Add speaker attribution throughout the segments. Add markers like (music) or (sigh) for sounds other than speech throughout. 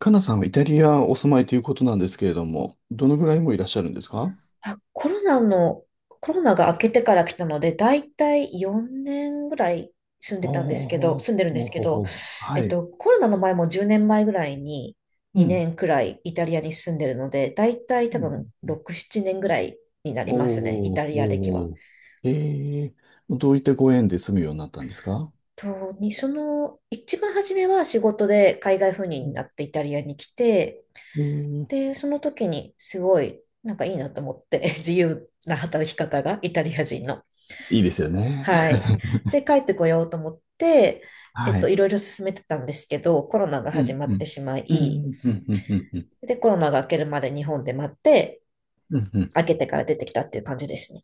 Speaker 1: カナさんはイタリアお住まいということなんですけれども、どのぐらいもいらっしゃるんですか？
Speaker 2: あ、コロナが明けてから来たので、だいたい4年ぐらい
Speaker 1: ああ、も
Speaker 2: 住んでるんで
Speaker 1: う
Speaker 2: すけ
Speaker 1: ほ
Speaker 2: ど、
Speaker 1: ほ。はい。
Speaker 2: コロナの前も10年前ぐらいに
Speaker 1: うん。
Speaker 2: 2年くらいイタリアに住んでるので、だいたい多
Speaker 1: うん
Speaker 2: 分
Speaker 1: うん。
Speaker 2: 6、7年ぐらいになりますね、イ
Speaker 1: お
Speaker 2: タ
Speaker 1: ー、
Speaker 2: リア歴は。
Speaker 1: おー。ええ。どういったご縁で住むようになったんですか？
Speaker 2: と、に、その、一番初めは仕事で海外赴
Speaker 1: う
Speaker 2: 任に
Speaker 1: ん。
Speaker 2: なってイタリアに来て、
Speaker 1: ええ。
Speaker 2: で、その時にすごい、なんかいいなと思って、(laughs) 自由な働き方がイタリア人の。
Speaker 1: いいですよね。
Speaker 2: はい。で、帰ってこようと思って、
Speaker 1: (laughs) はい。
Speaker 2: いろいろ進めてたんですけど、コロナが
Speaker 1: う
Speaker 2: 始
Speaker 1: ん、
Speaker 2: ま
Speaker 1: う
Speaker 2: って
Speaker 1: ん。
Speaker 2: しま
Speaker 1: うん、う
Speaker 2: い、
Speaker 1: ん、うん、うん、うん。
Speaker 2: で、コロナが明けるまで日本で待って、
Speaker 1: うんうん。
Speaker 2: 明けてから出てきたっていう感じですね。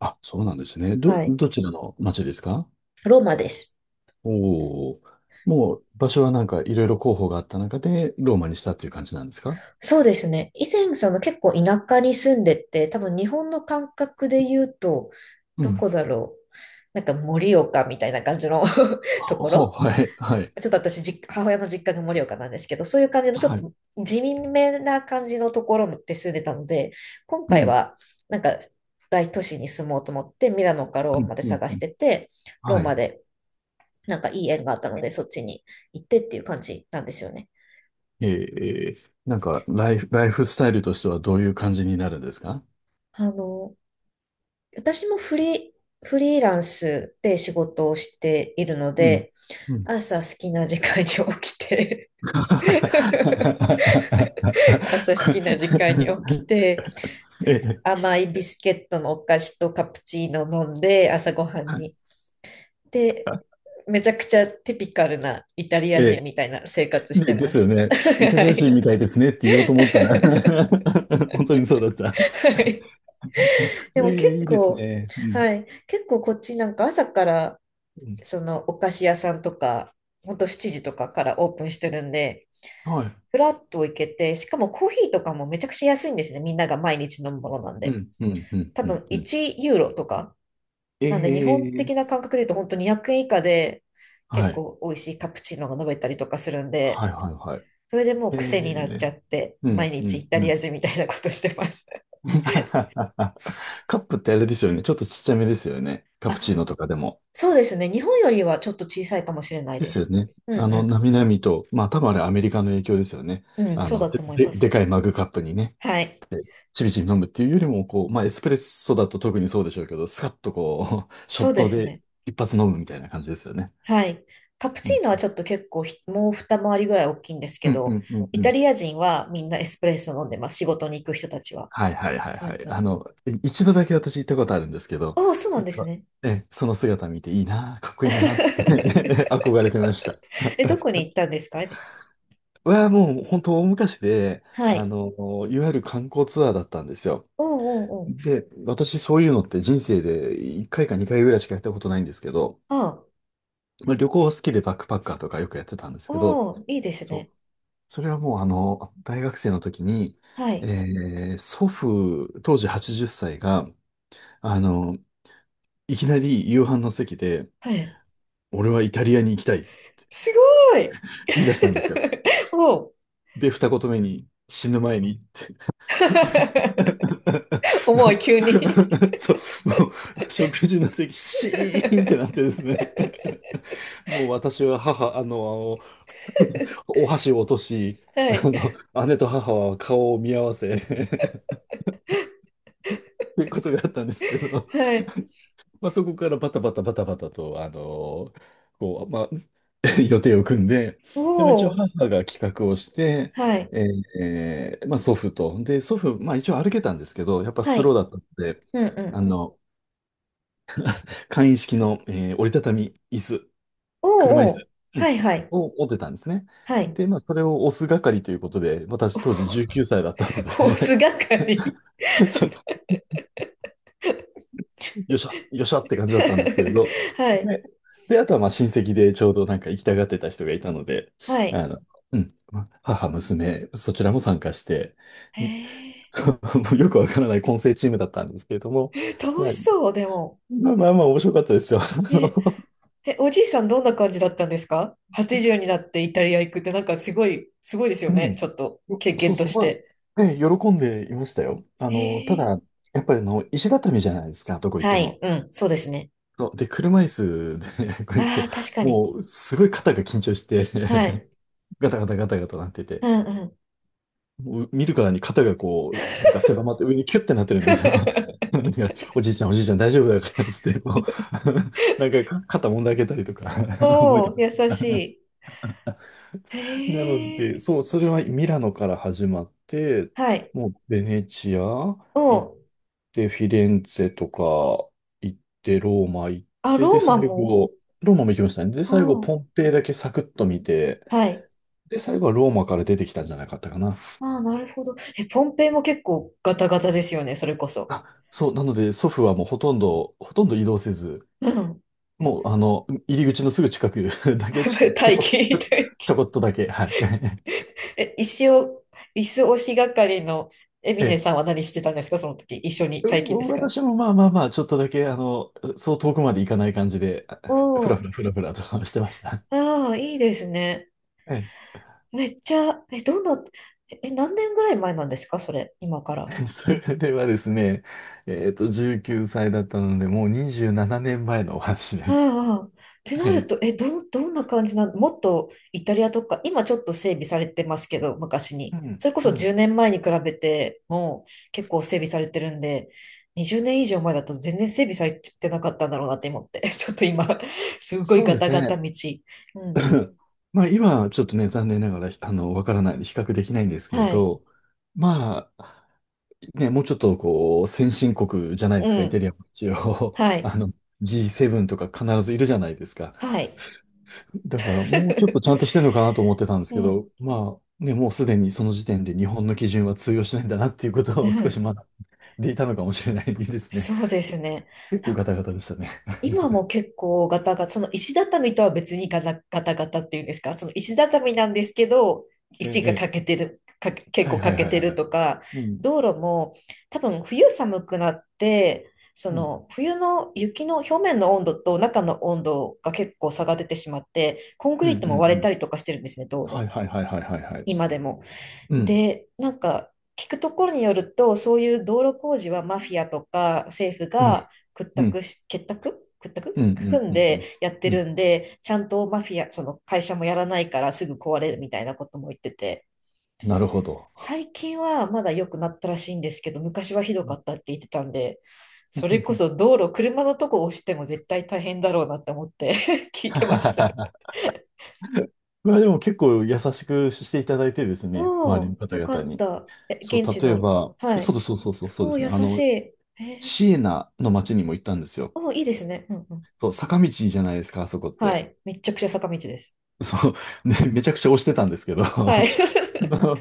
Speaker 1: あ、そうなんですね。ど、
Speaker 2: はい。
Speaker 1: どちらの町ですか？
Speaker 2: ローマです。
Speaker 1: おおー。もう場所はなんかいろいろ候補があった中でローマにしたっていう感じなんですか？
Speaker 2: そうですね。以前、その結構田舎に住んでて、多分日本の感覚で言うと、
Speaker 1: う
Speaker 2: ど
Speaker 1: ん。
Speaker 2: こだろう。なんか盛岡みたいな感じの (laughs) とこ
Speaker 1: ほ
Speaker 2: ろ
Speaker 1: はい、はい、
Speaker 2: ちょっと私、母親の実家が盛岡なんですけど、そういう感じのちょっ
Speaker 1: はい。
Speaker 2: と地味めな感じのところで住んでたので、今
Speaker 1: う
Speaker 2: 回
Speaker 1: ん、
Speaker 2: はなんか大都市に住もうと思って、ミラノかロ
Speaker 1: う
Speaker 2: ー
Speaker 1: ん、
Speaker 2: マで
Speaker 1: うん、
Speaker 2: 探
Speaker 1: う
Speaker 2: し
Speaker 1: ん。
Speaker 2: てて、ロー
Speaker 1: は
Speaker 2: マ
Speaker 1: い。
Speaker 2: でなんかいい縁があったので、そっちに行ってっていう感じなんですよね。
Speaker 1: ええー、なんか、ライフスタイルとしてはどういう感じになるんですか？
Speaker 2: あの、私もフリーランスで仕事をしているの
Speaker 1: うん。
Speaker 2: で、
Speaker 1: うん。
Speaker 2: 朝好きな時間に起きて (laughs) 朝好きな時間に起
Speaker 1: (laughs)
Speaker 2: きて、
Speaker 1: ええ、
Speaker 2: 甘いビスケットのお菓子とカプチーノ飲んで朝ごはん
Speaker 1: はい。
Speaker 2: に。で、めちゃくちゃテピカルなイタリア
Speaker 1: え
Speaker 2: 人
Speaker 1: え、
Speaker 2: みたいな生活して
Speaker 1: ねで
Speaker 2: ま
Speaker 1: すよ
Speaker 2: す。(laughs)
Speaker 1: ね。イタ
Speaker 2: は
Speaker 1: リア人
Speaker 2: い。
Speaker 1: みたいですねって言おう
Speaker 2: (laughs)
Speaker 1: と思ったら、 (laughs) 本当にそうだった。
Speaker 2: はい。で
Speaker 1: え
Speaker 2: も結
Speaker 1: え、いいです
Speaker 2: 構、
Speaker 1: ね。うん。
Speaker 2: はい。結構こっちなんか朝から、
Speaker 1: うん。
Speaker 2: そのお菓子屋さんとか、ほんと7時とかからオープンしてるんで、
Speaker 1: はい。
Speaker 2: フラッと行けて、しかもコーヒーとかもめちゃくちゃ安いんですね。みんなが毎日飲むものなん
Speaker 1: う
Speaker 2: で。
Speaker 1: ん、うん、うん、
Speaker 2: 多
Speaker 1: う
Speaker 2: 分
Speaker 1: ん、うん。
Speaker 2: 1ユーロとか
Speaker 1: え
Speaker 2: なんで日本
Speaker 1: え、
Speaker 2: 的な感覚で言うと本当に200円以下で結
Speaker 1: はい。
Speaker 2: 構美味しいカプチーノが飲めたりとかするんで、
Speaker 1: はい、はい、はい。
Speaker 2: それでもう
Speaker 1: え
Speaker 2: 癖になっちゃ
Speaker 1: え。
Speaker 2: って、
Speaker 1: う
Speaker 2: 毎
Speaker 1: ん、う
Speaker 2: 日イ
Speaker 1: ん、
Speaker 2: タ
Speaker 1: う
Speaker 2: リア
Speaker 1: ん。
Speaker 2: 人みたいなことしてます。(laughs)
Speaker 1: (laughs) カップってあれですよね。ちょっとちっちゃめですよね。カプ
Speaker 2: あ、
Speaker 1: チーノとかでも。
Speaker 2: そうですね。日本よりはちょっと小さいかもしれない
Speaker 1: で
Speaker 2: で
Speaker 1: すよ
Speaker 2: す。
Speaker 1: ね。
Speaker 2: うん
Speaker 1: あの、
Speaker 2: う
Speaker 1: なみなみと、まあ多分あれアメリカの影響ですよね。
Speaker 2: ん。うん、
Speaker 1: あ
Speaker 2: そう
Speaker 1: の、
Speaker 2: だ
Speaker 1: で、
Speaker 2: と思い
Speaker 1: で、
Speaker 2: ま
Speaker 1: で
Speaker 2: す。
Speaker 1: かいマグカップにね、
Speaker 2: はい。
Speaker 1: ちびちび飲むっていうよりも、こう、まあエスプレッソだと特にそうでしょうけど、スカッとこう、(laughs) ショ
Speaker 2: そ
Speaker 1: ッ
Speaker 2: うで
Speaker 1: ト
Speaker 2: す
Speaker 1: で
Speaker 2: ね。
Speaker 1: 一発飲むみたいな感じですよね。
Speaker 2: はい。カプ
Speaker 1: う
Speaker 2: チ
Speaker 1: ん。
Speaker 2: ーノはちょっと結構もう二回りぐらい大きいんです
Speaker 1: う
Speaker 2: け
Speaker 1: ん、う
Speaker 2: ど、
Speaker 1: ん、うん、
Speaker 2: イ
Speaker 1: う
Speaker 2: タ
Speaker 1: ん。
Speaker 2: リア人はみんなエスプレッソ飲んでます。仕事に行く人たちは。
Speaker 1: はいはいはい
Speaker 2: う
Speaker 1: は
Speaker 2: ん
Speaker 1: い。
Speaker 2: う
Speaker 1: あ
Speaker 2: ん。
Speaker 1: の、一度だけ私行ったことあるんですけど、
Speaker 2: おお、そうな
Speaker 1: や
Speaker 2: ん
Speaker 1: っ
Speaker 2: です
Speaker 1: ぱ
Speaker 2: ね。
Speaker 1: その姿見ていいな、かっこいいな、(laughs) っ
Speaker 2: (laughs)
Speaker 1: て憧れてました。
Speaker 2: え、どこに行ったんですかエミネさ
Speaker 1: はもう本当大昔で、
Speaker 2: ん。は
Speaker 1: あ
Speaker 2: い。
Speaker 1: の、いわゆる観光ツアーだったんですよ。
Speaker 2: おうおうおう。
Speaker 1: で、私そういうのって人生で1回か2回ぐらいしかやったことないんですけど、
Speaker 2: あ、
Speaker 1: まあ、旅行は好きでバックパッカーとかよくやってたんですけど、
Speaker 2: おー、いいです
Speaker 1: そう。
Speaker 2: ね。
Speaker 1: それはもうあの、大学生の時に、
Speaker 2: はい。
Speaker 1: 祖父、当時80歳が、あの、いきなり夕飯の席で、
Speaker 2: はい。
Speaker 1: 俺はイタリアに行きたい、
Speaker 2: すごい
Speaker 1: 言い出したんですよ。
Speaker 2: (laughs) おう
Speaker 1: で、二言目に、死ぬ前にって。
Speaker 2: (laughs) 重い、急に
Speaker 1: (laughs)
Speaker 2: (laughs)
Speaker 1: そう、もう、食事の席、シーンってなってですね。(laughs) もう私は母、あの、お箸を落とし、
Speaker 2: は
Speaker 1: あ
Speaker 2: い。
Speaker 1: の、姉と母は顔を見合わせ、っていうことがあったんですけど、
Speaker 2: はい。
Speaker 1: (laughs) まあ、そこからバタバタバタバタと、あの、こう、まあ、(laughs) 予定を組んで、
Speaker 2: お
Speaker 1: で、まあ、一応
Speaker 2: お
Speaker 1: 母が企画をして、まあ、祖父と、で、祖父、まあ、一応歩けたんですけど、やっぱスローだったので、あの、簡易式の、折りたたみ椅子、車椅子、う
Speaker 2: は
Speaker 1: ん、
Speaker 2: いはい。うんうんおうおう
Speaker 1: を持ってたんですね。
Speaker 2: はいはい。はい
Speaker 1: で、まあ、それを押す係ということで、私当時19歳だったので、
Speaker 2: ホース係
Speaker 1: (laughs) そのよっしゃ、よっしゃって感じだったんですけれど、
Speaker 2: (laughs) はい。
Speaker 1: で、あとはまあ親戚でちょうどなんか行きたがってた人がいたので、
Speaker 2: は
Speaker 1: あ
Speaker 2: い。
Speaker 1: の、うん、まあ母、娘、そちらも参加して、(laughs) ん
Speaker 2: へ
Speaker 1: そうもうよくわからない混成チームだったんですけれども、
Speaker 2: え。楽
Speaker 1: まあ、
Speaker 2: しそう、でも。
Speaker 1: まあまあまあ面白かったですよ。(laughs) あ
Speaker 2: ね
Speaker 1: の、
Speaker 2: え、おじいさんどんな感じだったんですか？ 80 になってイタリア行くってなんかすごい、すごいです
Speaker 1: う
Speaker 2: よね。
Speaker 1: ん。
Speaker 2: ちょっと経
Speaker 1: そう
Speaker 2: 験と
Speaker 1: そう、
Speaker 2: し
Speaker 1: ま
Speaker 2: て。
Speaker 1: あ、ね、喜んでいましたよ。あ
Speaker 2: へ
Speaker 1: の、た
Speaker 2: え。
Speaker 1: だ、やっぱりあの、石畳じゃないですか、どこ行っ
Speaker 2: は
Speaker 1: て
Speaker 2: い、
Speaker 1: も。
Speaker 2: うん、そうですね。
Speaker 1: そう、で、車椅子でね、(laughs) こう行く
Speaker 2: あ
Speaker 1: と、
Speaker 2: あ、確かに。
Speaker 1: もう、すごい肩が緊張して、
Speaker 2: はい。
Speaker 1: (laughs) ガタガタガタガタなって
Speaker 2: う
Speaker 1: て、
Speaker 2: んうん。
Speaker 1: もう見るからに肩がこう、なんか狭まって上にキュッてなってるんですよ。
Speaker 2: (laughs)
Speaker 1: (laughs) なんか、おじいちゃんおじいちゃん大丈夫だからっつって、こう、 (laughs)、なんか肩もんであげたりとか、 (laughs) 覚え
Speaker 2: お
Speaker 1: てる。
Speaker 2: お、優しい。
Speaker 1: なの
Speaker 2: へ
Speaker 1: で、
Speaker 2: え。
Speaker 1: そう、それはミラノから始まって、
Speaker 2: はい。
Speaker 1: もうベネチア
Speaker 2: お
Speaker 1: 行っ
Speaker 2: お、
Speaker 1: て、フィレンツェとか行って、ローマ行っ
Speaker 2: あ、
Speaker 1: て、で、
Speaker 2: ローマ
Speaker 1: 最
Speaker 2: も
Speaker 1: 後、ローマも行きましたね。で、
Speaker 2: お
Speaker 1: 最後、
Speaker 2: お、
Speaker 1: ポンペイだけサクッと見て、
Speaker 2: はい。
Speaker 1: で、最後はローマから出てきたんじゃなかったかな。
Speaker 2: ああ、なるほど。え、ポンペイも結構ガタガタですよね、それこそ。
Speaker 1: あ、そう、なので、祖父はもうほとんど、ほとんど移動せず、
Speaker 2: うん。
Speaker 1: もう、あの、入り口のすぐ近く (laughs) だけ、ちょっ
Speaker 2: (laughs)
Speaker 1: と、
Speaker 2: 大気。
Speaker 1: ちょこっとだけ、はい。(laughs)
Speaker 2: え、石を、椅子押し係のエビネ
Speaker 1: ええ。
Speaker 2: さんは何してたんですかその時、一緒に
Speaker 1: う
Speaker 2: 待機で
Speaker 1: ん、
Speaker 2: すか？
Speaker 1: 私もまあまあまあ、ちょっとだけ、あの、そう遠くまで行かない感じで、
Speaker 2: お
Speaker 1: ふらふら
Speaker 2: お。
Speaker 1: ふらふらと (laughs) してました。
Speaker 2: ああ、いいですね。
Speaker 1: え
Speaker 2: めっちゃ、え、どんな、え、何年ぐらい前なんですかそれ、今から。
Speaker 1: え、(laughs) それではですね、19歳だったので、もう27年前のお話です。
Speaker 2: ああ、ってな
Speaker 1: は
Speaker 2: る
Speaker 1: い。
Speaker 2: と、え、どう、どんな感じなのもっとイタリアとか、今ちょっと整備されてますけど、昔
Speaker 1: う
Speaker 2: に。
Speaker 1: ん、
Speaker 2: それこ
Speaker 1: う
Speaker 2: そ10
Speaker 1: ん。
Speaker 2: 年前に比べてもう結構整備されてるんで、20年以上前だと全然整備されてなかったんだろうなって思って、(laughs) ちょっと今、すごい
Speaker 1: そう
Speaker 2: ガ
Speaker 1: です
Speaker 2: タガタ
Speaker 1: ね。
Speaker 2: 道。うん。
Speaker 1: (clears throat) まあ今はちょっとね、残念ながら、あの、わからないんで比較できないんですけれ
Speaker 2: はい。
Speaker 1: ど、まあ、ね、もうちょっとこう、先進国じゃないで
Speaker 2: う
Speaker 1: すか、イタ
Speaker 2: ん。
Speaker 1: リアも一応、
Speaker 2: は
Speaker 1: (laughs)
Speaker 2: い。
Speaker 1: あの、G7 とか必ずいるじゃないですか。
Speaker 2: はい。
Speaker 1: だからもうちょっとちゃん
Speaker 2: (laughs)
Speaker 1: としてるのかなと思ってたんです
Speaker 2: う
Speaker 1: けど、
Speaker 2: ん。
Speaker 1: まあね、もうすでにその時点で日本の基準は通用しないんだなっていうこと
Speaker 2: う
Speaker 1: を少し
Speaker 2: ん。
Speaker 1: 学んでいたのかもしれないですね。
Speaker 2: そう
Speaker 1: (laughs)
Speaker 2: ですね。
Speaker 1: 結構
Speaker 2: なん
Speaker 1: ガタガタでしたね。
Speaker 2: 今も結構ガタガタ、その石畳とは別にガタガタガタっていうんですか、その石畳なんですけど、
Speaker 1: え
Speaker 2: 石が
Speaker 1: え、
Speaker 2: 欠
Speaker 1: ええ。
Speaker 2: けてる、か結
Speaker 1: はい
Speaker 2: 構
Speaker 1: は
Speaker 2: 欠
Speaker 1: い
Speaker 2: け
Speaker 1: はい
Speaker 2: て
Speaker 1: は
Speaker 2: る
Speaker 1: い。
Speaker 2: とか、
Speaker 1: うん、
Speaker 2: 道路も多分冬寒くなって、そ
Speaker 1: うん、
Speaker 2: の冬の雪の表面の温度と中の温度が結構差が出てしまって、コンク
Speaker 1: うん、
Speaker 2: リ
Speaker 1: うん、
Speaker 2: ートも割
Speaker 1: う
Speaker 2: れた
Speaker 1: ん。
Speaker 2: りとかしてるんですね、道路。
Speaker 1: はいはいはいはいはいはい。
Speaker 2: 今でも。
Speaker 1: うん、
Speaker 2: で、なんか聞くところによると、そういう道路工事はマフィアとか政府
Speaker 1: う
Speaker 2: が
Speaker 1: ん、
Speaker 2: 屈
Speaker 1: うん、
Speaker 2: 託し、結託屈
Speaker 1: うん、う
Speaker 2: 託
Speaker 1: ん、
Speaker 2: 組ん
Speaker 1: うん、う
Speaker 2: で
Speaker 1: ん。
Speaker 2: やって
Speaker 1: う
Speaker 2: る
Speaker 1: ん、
Speaker 2: んで、ちゃんとマフィア、その会社もやらないからすぐ壊れるみたいなことも言ってて、
Speaker 1: なるほど。
Speaker 2: 最近はまだ良くなったらしいんですけど、昔はひど
Speaker 1: う
Speaker 2: か
Speaker 1: ん。
Speaker 2: ったって言ってたんで、それこそ道路、車のとこ押しても絶対大変だろうなって思って (laughs) 聞いてました。
Speaker 1: (laughs) まあでも結構優しくしていただいてですね、周
Speaker 2: お
Speaker 1: りの
Speaker 2: お、
Speaker 1: 方
Speaker 2: よか
Speaker 1: 々
Speaker 2: っ
Speaker 1: に。
Speaker 2: た。え、
Speaker 1: そう、
Speaker 2: 現地
Speaker 1: 例え
Speaker 2: の。
Speaker 1: ば、
Speaker 2: は
Speaker 1: そ
Speaker 2: い。
Speaker 1: うそうそうそう、そう
Speaker 2: お
Speaker 1: で
Speaker 2: お、
Speaker 1: すね。
Speaker 2: 優
Speaker 1: あ
Speaker 2: しい。
Speaker 1: の、
Speaker 2: えー
Speaker 1: シエナの街にも行ったんですよ。
Speaker 2: お、いいですね。うんうん。
Speaker 1: そう、坂道じゃないですか、あそこっ
Speaker 2: は
Speaker 1: て。
Speaker 2: い。めっちゃくちゃ坂道です。
Speaker 1: そう、ね、めちゃくちゃ押してたんですけど、(laughs) や
Speaker 2: はい。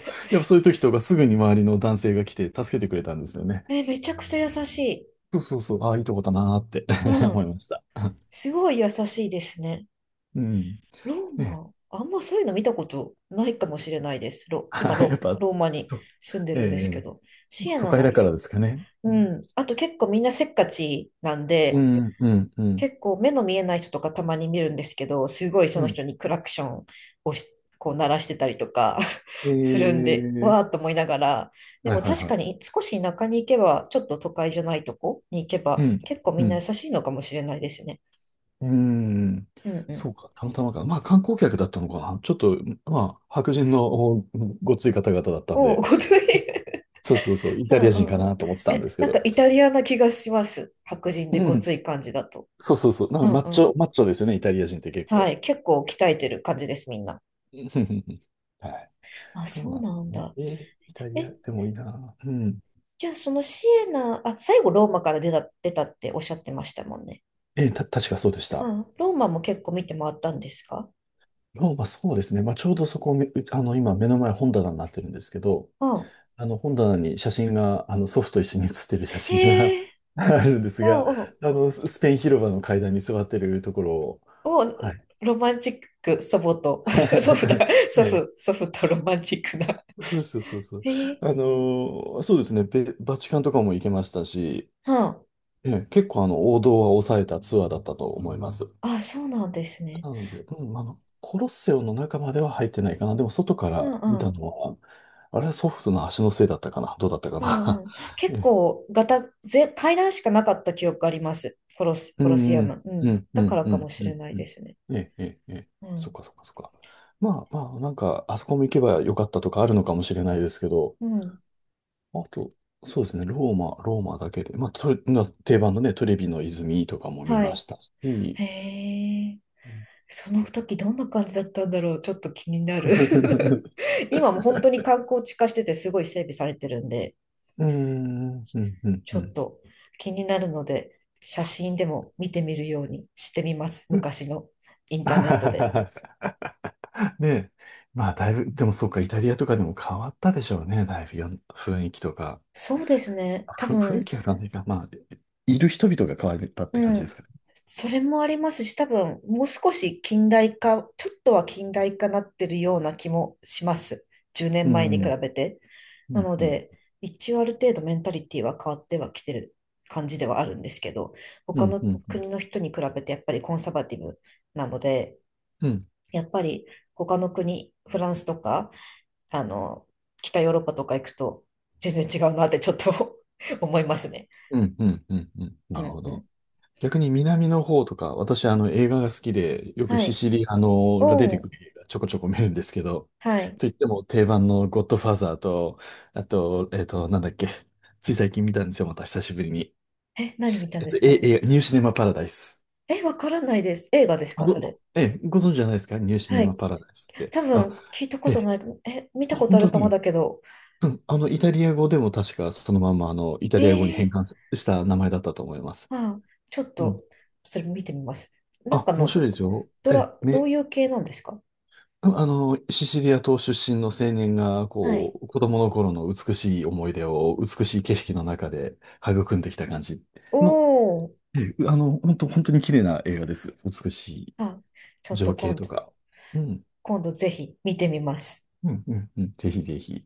Speaker 2: (laughs)
Speaker 1: っぱそういう時とかすぐに周りの男性が来て助けてくれたんですよね。
Speaker 2: ね、めちゃくちゃ優しい。
Speaker 1: そうそうそう、ああ、いいとこだなーって、
Speaker 2: う
Speaker 1: (laughs) 思い
Speaker 2: ん。
Speaker 1: ました。
Speaker 2: すごい優しいですね。
Speaker 1: うん。
Speaker 2: ロー
Speaker 1: ね。
Speaker 2: マ、あんまそういうの見たことないかもしれないです。ロ、今
Speaker 1: (laughs) やっ
Speaker 2: ロ、
Speaker 1: ぱ、
Speaker 2: ローマに
Speaker 1: と
Speaker 2: 住んでるんですけ
Speaker 1: ええ
Speaker 2: ど。シエ
Speaker 1: 都
Speaker 2: ナ
Speaker 1: 会だ
Speaker 2: の。
Speaker 1: からですかね。
Speaker 2: うん。あと結構みんなせっかちなん
Speaker 1: う
Speaker 2: で、
Speaker 1: ん、うん、うん、うん。
Speaker 2: 結構目の見えない人とかたまに見るんですけど、すごい
Speaker 1: う
Speaker 2: その
Speaker 1: ん、
Speaker 2: 人にクラクションをこう鳴らしてたりとか
Speaker 1: え
Speaker 2: (laughs) するんで、わーっ
Speaker 1: え。
Speaker 2: と思いながら、で
Speaker 1: はい
Speaker 2: も
Speaker 1: はい
Speaker 2: 確
Speaker 1: はい。
Speaker 2: かに少し田舎に行けば、ちょっと都会じゃないとこに行け
Speaker 1: う
Speaker 2: ば、
Speaker 1: ん、
Speaker 2: 結構
Speaker 1: う
Speaker 2: みんな優
Speaker 1: ん。
Speaker 2: しいのかもしれないですね。
Speaker 1: うーん。
Speaker 2: うんう
Speaker 1: そ
Speaker 2: ん。
Speaker 1: うか、たまたまか。まあ、観光客だったのかな。ちょっと、まあ、白人のおごつい方々だったん
Speaker 2: おお、
Speaker 1: で、
Speaker 2: ごつい。
Speaker 1: そうそうそう、イ
Speaker 2: (laughs) う
Speaker 1: タ
Speaker 2: ん
Speaker 1: リア人か
Speaker 2: うん。
Speaker 1: なと思ってたんで
Speaker 2: え、
Speaker 1: すけ
Speaker 2: なん
Speaker 1: ど。
Speaker 2: かイタリアな気がします。白人で
Speaker 1: う
Speaker 2: ご
Speaker 1: ん、
Speaker 2: つい感じだと。
Speaker 1: そうそうそう、なん
Speaker 2: う
Speaker 1: か
Speaker 2: ん
Speaker 1: マッ
Speaker 2: う
Speaker 1: チ
Speaker 2: ん。
Speaker 1: ョ、マッチョですよね、イタリア人って結
Speaker 2: は
Speaker 1: 構。
Speaker 2: い。結構鍛えてる感じです、みんな。
Speaker 1: (laughs) うんうんうん。はい。
Speaker 2: あ、
Speaker 1: そう
Speaker 2: そ
Speaker 1: な
Speaker 2: う
Speaker 1: ん
Speaker 2: なん
Speaker 1: だね。
Speaker 2: だ。
Speaker 1: イタリ
Speaker 2: え、
Speaker 1: アでもいいな。うん。
Speaker 2: じゃあ、そのシエナ、あ、最後ローマから出たっておっしゃってましたもんね。
Speaker 1: えーた、確かそうでした。
Speaker 2: うん。ローマも結構見て回ったんですか？
Speaker 1: ローマ、そうですね。まあ、ちょうどそこ、めあの、今、目の前本棚になってるんですけど、
Speaker 2: うん。
Speaker 1: あの本棚に写真が、あの祖父と一緒に写ってる写真が
Speaker 2: へえ、
Speaker 1: (laughs) あるんですが、
Speaker 2: おうおう、
Speaker 1: あのスペイン広場の階段に座ってるところを、
Speaker 2: お
Speaker 1: は
Speaker 2: う、
Speaker 1: い。
Speaker 2: ロマンチック、祖母と、(laughs) 祖父だ、
Speaker 1: (laughs) ね
Speaker 2: 祖父とロマンチックな。
Speaker 1: え、そうそうそうそう。
Speaker 2: へえ、
Speaker 1: あの、そうですね、バチカンとかも行けましたし、
Speaker 2: うん。
Speaker 1: ええ、結構あの王道は抑えたツアーだったと思います。
Speaker 2: あ、そうなんですね。
Speaker 1: なので、うん、あの、コロッセオの中までは入ってないかな。でも外か
Speaker 2: うん
Speaker 1: ら見
Speaker 2: う
Speaker 1: た
Speaker 2: ん。
Speaker 1: のは、あれは祖父の足のせいだったかな。どうだったか
Speaker 2: うんうん。結
Speaker 1: な。(laughs)
Speaker 2: 構、ガタ、ぜ、階段しかなかった記憶あります。コロス、
Speaker 1: う
Speaker 2: コロシ
Speaker 1: ん、
Speaker 2: ア
Speaker 1: うん、
Speaker 2: ム。う
Speaker 1: う
Speaker 2: ん。
Speaker 1: ん、う
Speaker 2: だか
Speaker 1: ん、
Speaker 2: ら
Speaker 1: う
Speaker 2: かも
Speaker 1: ん、
Speaker 2: し
Speaker 1: う
Speaker 2: れ
Speaker 1: ん。
Speaker 2: ない
Speaker 1: う
Speaker 2: で
Speaker 1: ん、
Speaker 2: すね。
Speaker 1: ええ、ええ、ええ。
Speaker 2: う
Speaker 1: そっ
Speaker 2: ん。
Speaker 1: かそっかそっか。まあまあ、なんか、あそこも行けばよかったとかあるのかもしれないですけど、
Speaker 2: うん。
Speaker 1: あと、そうですね、ローマだけで、まあ、トレな定番のね、トレビの泉とかも見
Speaker 2: は
Speaker 1: ま
Speaker 2: い。
Speaker 1: したし、うん。
Speaker 2: へえ。その時どんな感じだったんだろう、ちょっと気になる
Speaker 1: (laughs)、
Speaker 2: (laughs) 今も本当に観光地化しててすごい整備されてるんで、
Speaker 1: うーん、うん、うん。
Speaker 2: ち
Speaker 1: う
Speaker 2: ょっ
Speaker 1: ん。
Speaker 2: と気になるので、写真でも見てみるようにしてみます、昔のインターネットで。
Speaker 1: (laughs) ねえ、まあ、だいぶ、でもそうか、イタリアとかでも変わったでしょうね、だいぶよ雰囲気とか。
Speaker 2: そうですね、多
Speaker 1: ふ雰囲
Speaker 2: 分
Speaker 1: 気あるわねが、まあ、いる人々が変わったって
Speaker 2: う
Speaker 1: 感じで
Speaker 2: ん。
Speaker 1: すかね。
Speaker 2: それもありますし、多分、もう少し近代化、ちょっとは近代化なってるような気もします。10
Speaker 1: う
Speaker 2: 年前に比
Speaker 1: ん、
Speaker 2: べて。
Speaker 1: う
Speaker 2: な
Speaker 1: ん、
Speaker 2: の
Speaker 1: うん、
Speaker 2: で、一応ある程度メンタリティは変わってはきてる感じではあるんですけど、
Speaker 1: う
Speaker 2: 他
Speaker 1: ん、
Speaker 2: の
Speaker 1: うん、うん、
Speaker 2: 国の人に比べてやっぱりコンサバティブなので、
Speaker 1: うん、
Speaker 2: やっぱり他の国、フランスとか、あの、北ヨーロッパとか行くと全然違うなってちょっと (laughs) 思いますね。
Speaker 1: うん、うん、うん、な
Speaker 2: う
Speaker 1: る
Speaker 2: ん
Speaker 1: ほ
Speaker 2: う
Speaker 1: ど。
Speaker 2: ん。
Speaker 1: 逆に南の方とか、私、あの、映画が好きで、よく
Speaker 2: は
Speaker 1: シ
Speaker 2: い。
Speaker 1: シリアのが出
Speaker 2: お
Speaker 1: てく
Speaker 2: ん。
Speaker 1: る映画ちょこちょこ見るんですけど、
Speaker 2: はい。
Speaker 1: といっても定番のゴッドファーザーと、あと、なんだっけ、つい最近見たんですよ、また久しぶりに。
Speaker 2: え、何見たんですか？
Speaker 1: ニューシネマパラダイス。
Speaker 2: え、わからないです。映画です
Speaker 1: あ
Speaker 2: かそれ？
Speaker 1: ごええ、ご存知じゃないですかニューシネ
Speaker 2: は
Speaker 1: マ
Speaker 2: い。
Speaker 1: パラダイスって。
Speaker 2: 多
Speaker 1: あ、
Speaker 2: 分、聞いたこ
Speaker 1: え
Speaker 2: と
Speaker 1: え、
Speaker 2: ないかも。え、見たこと
Speaker 1: 本
Speaker 2: あ
Speaker 1: 当
Speaker 2: るかも
Speaker 1: に。
Speaker 2: だけど。
Speaker 1: うん、イタリア語でも確かそのまんま、あの、イタ
Speaker 2: え
Speaker 1: リア語に変
Speaker 2: ー、
Speaker 1: 換した名前だったと思います。
Speaker 2: ああ、ちょっ
Speaker 1: うん。
Speaker 2: と、それ見てみます。なん
Speaker 1: あ、
Speaker 2: か
Speaker 1: 面
Speaker 2: の、
Speaker 1: 白いですよ。
Speaker 2: ドラ、どういう系なんですか？
Speaker 1: うん、シチリア島出身の青年が、
Speaker 2: はい。
Speaker 1: こう、子供の頃の美しい思い出を美しい景色の中で育んできた感じの、
Speaker 2: おー。
Speaker 1: ええ、本当本当に綺麗な映画です。美しい
Speaker 2: あ、ちょっと
Speaker 1: 情景
Speaker 2: 今
Speaker 1: と
Speaker 2: 度、
Speaker 1: か。うん。
Speaker 2: 今度ぜひ見てみます。
Speaker 1: うん、うん、うん。ぜひぜひ。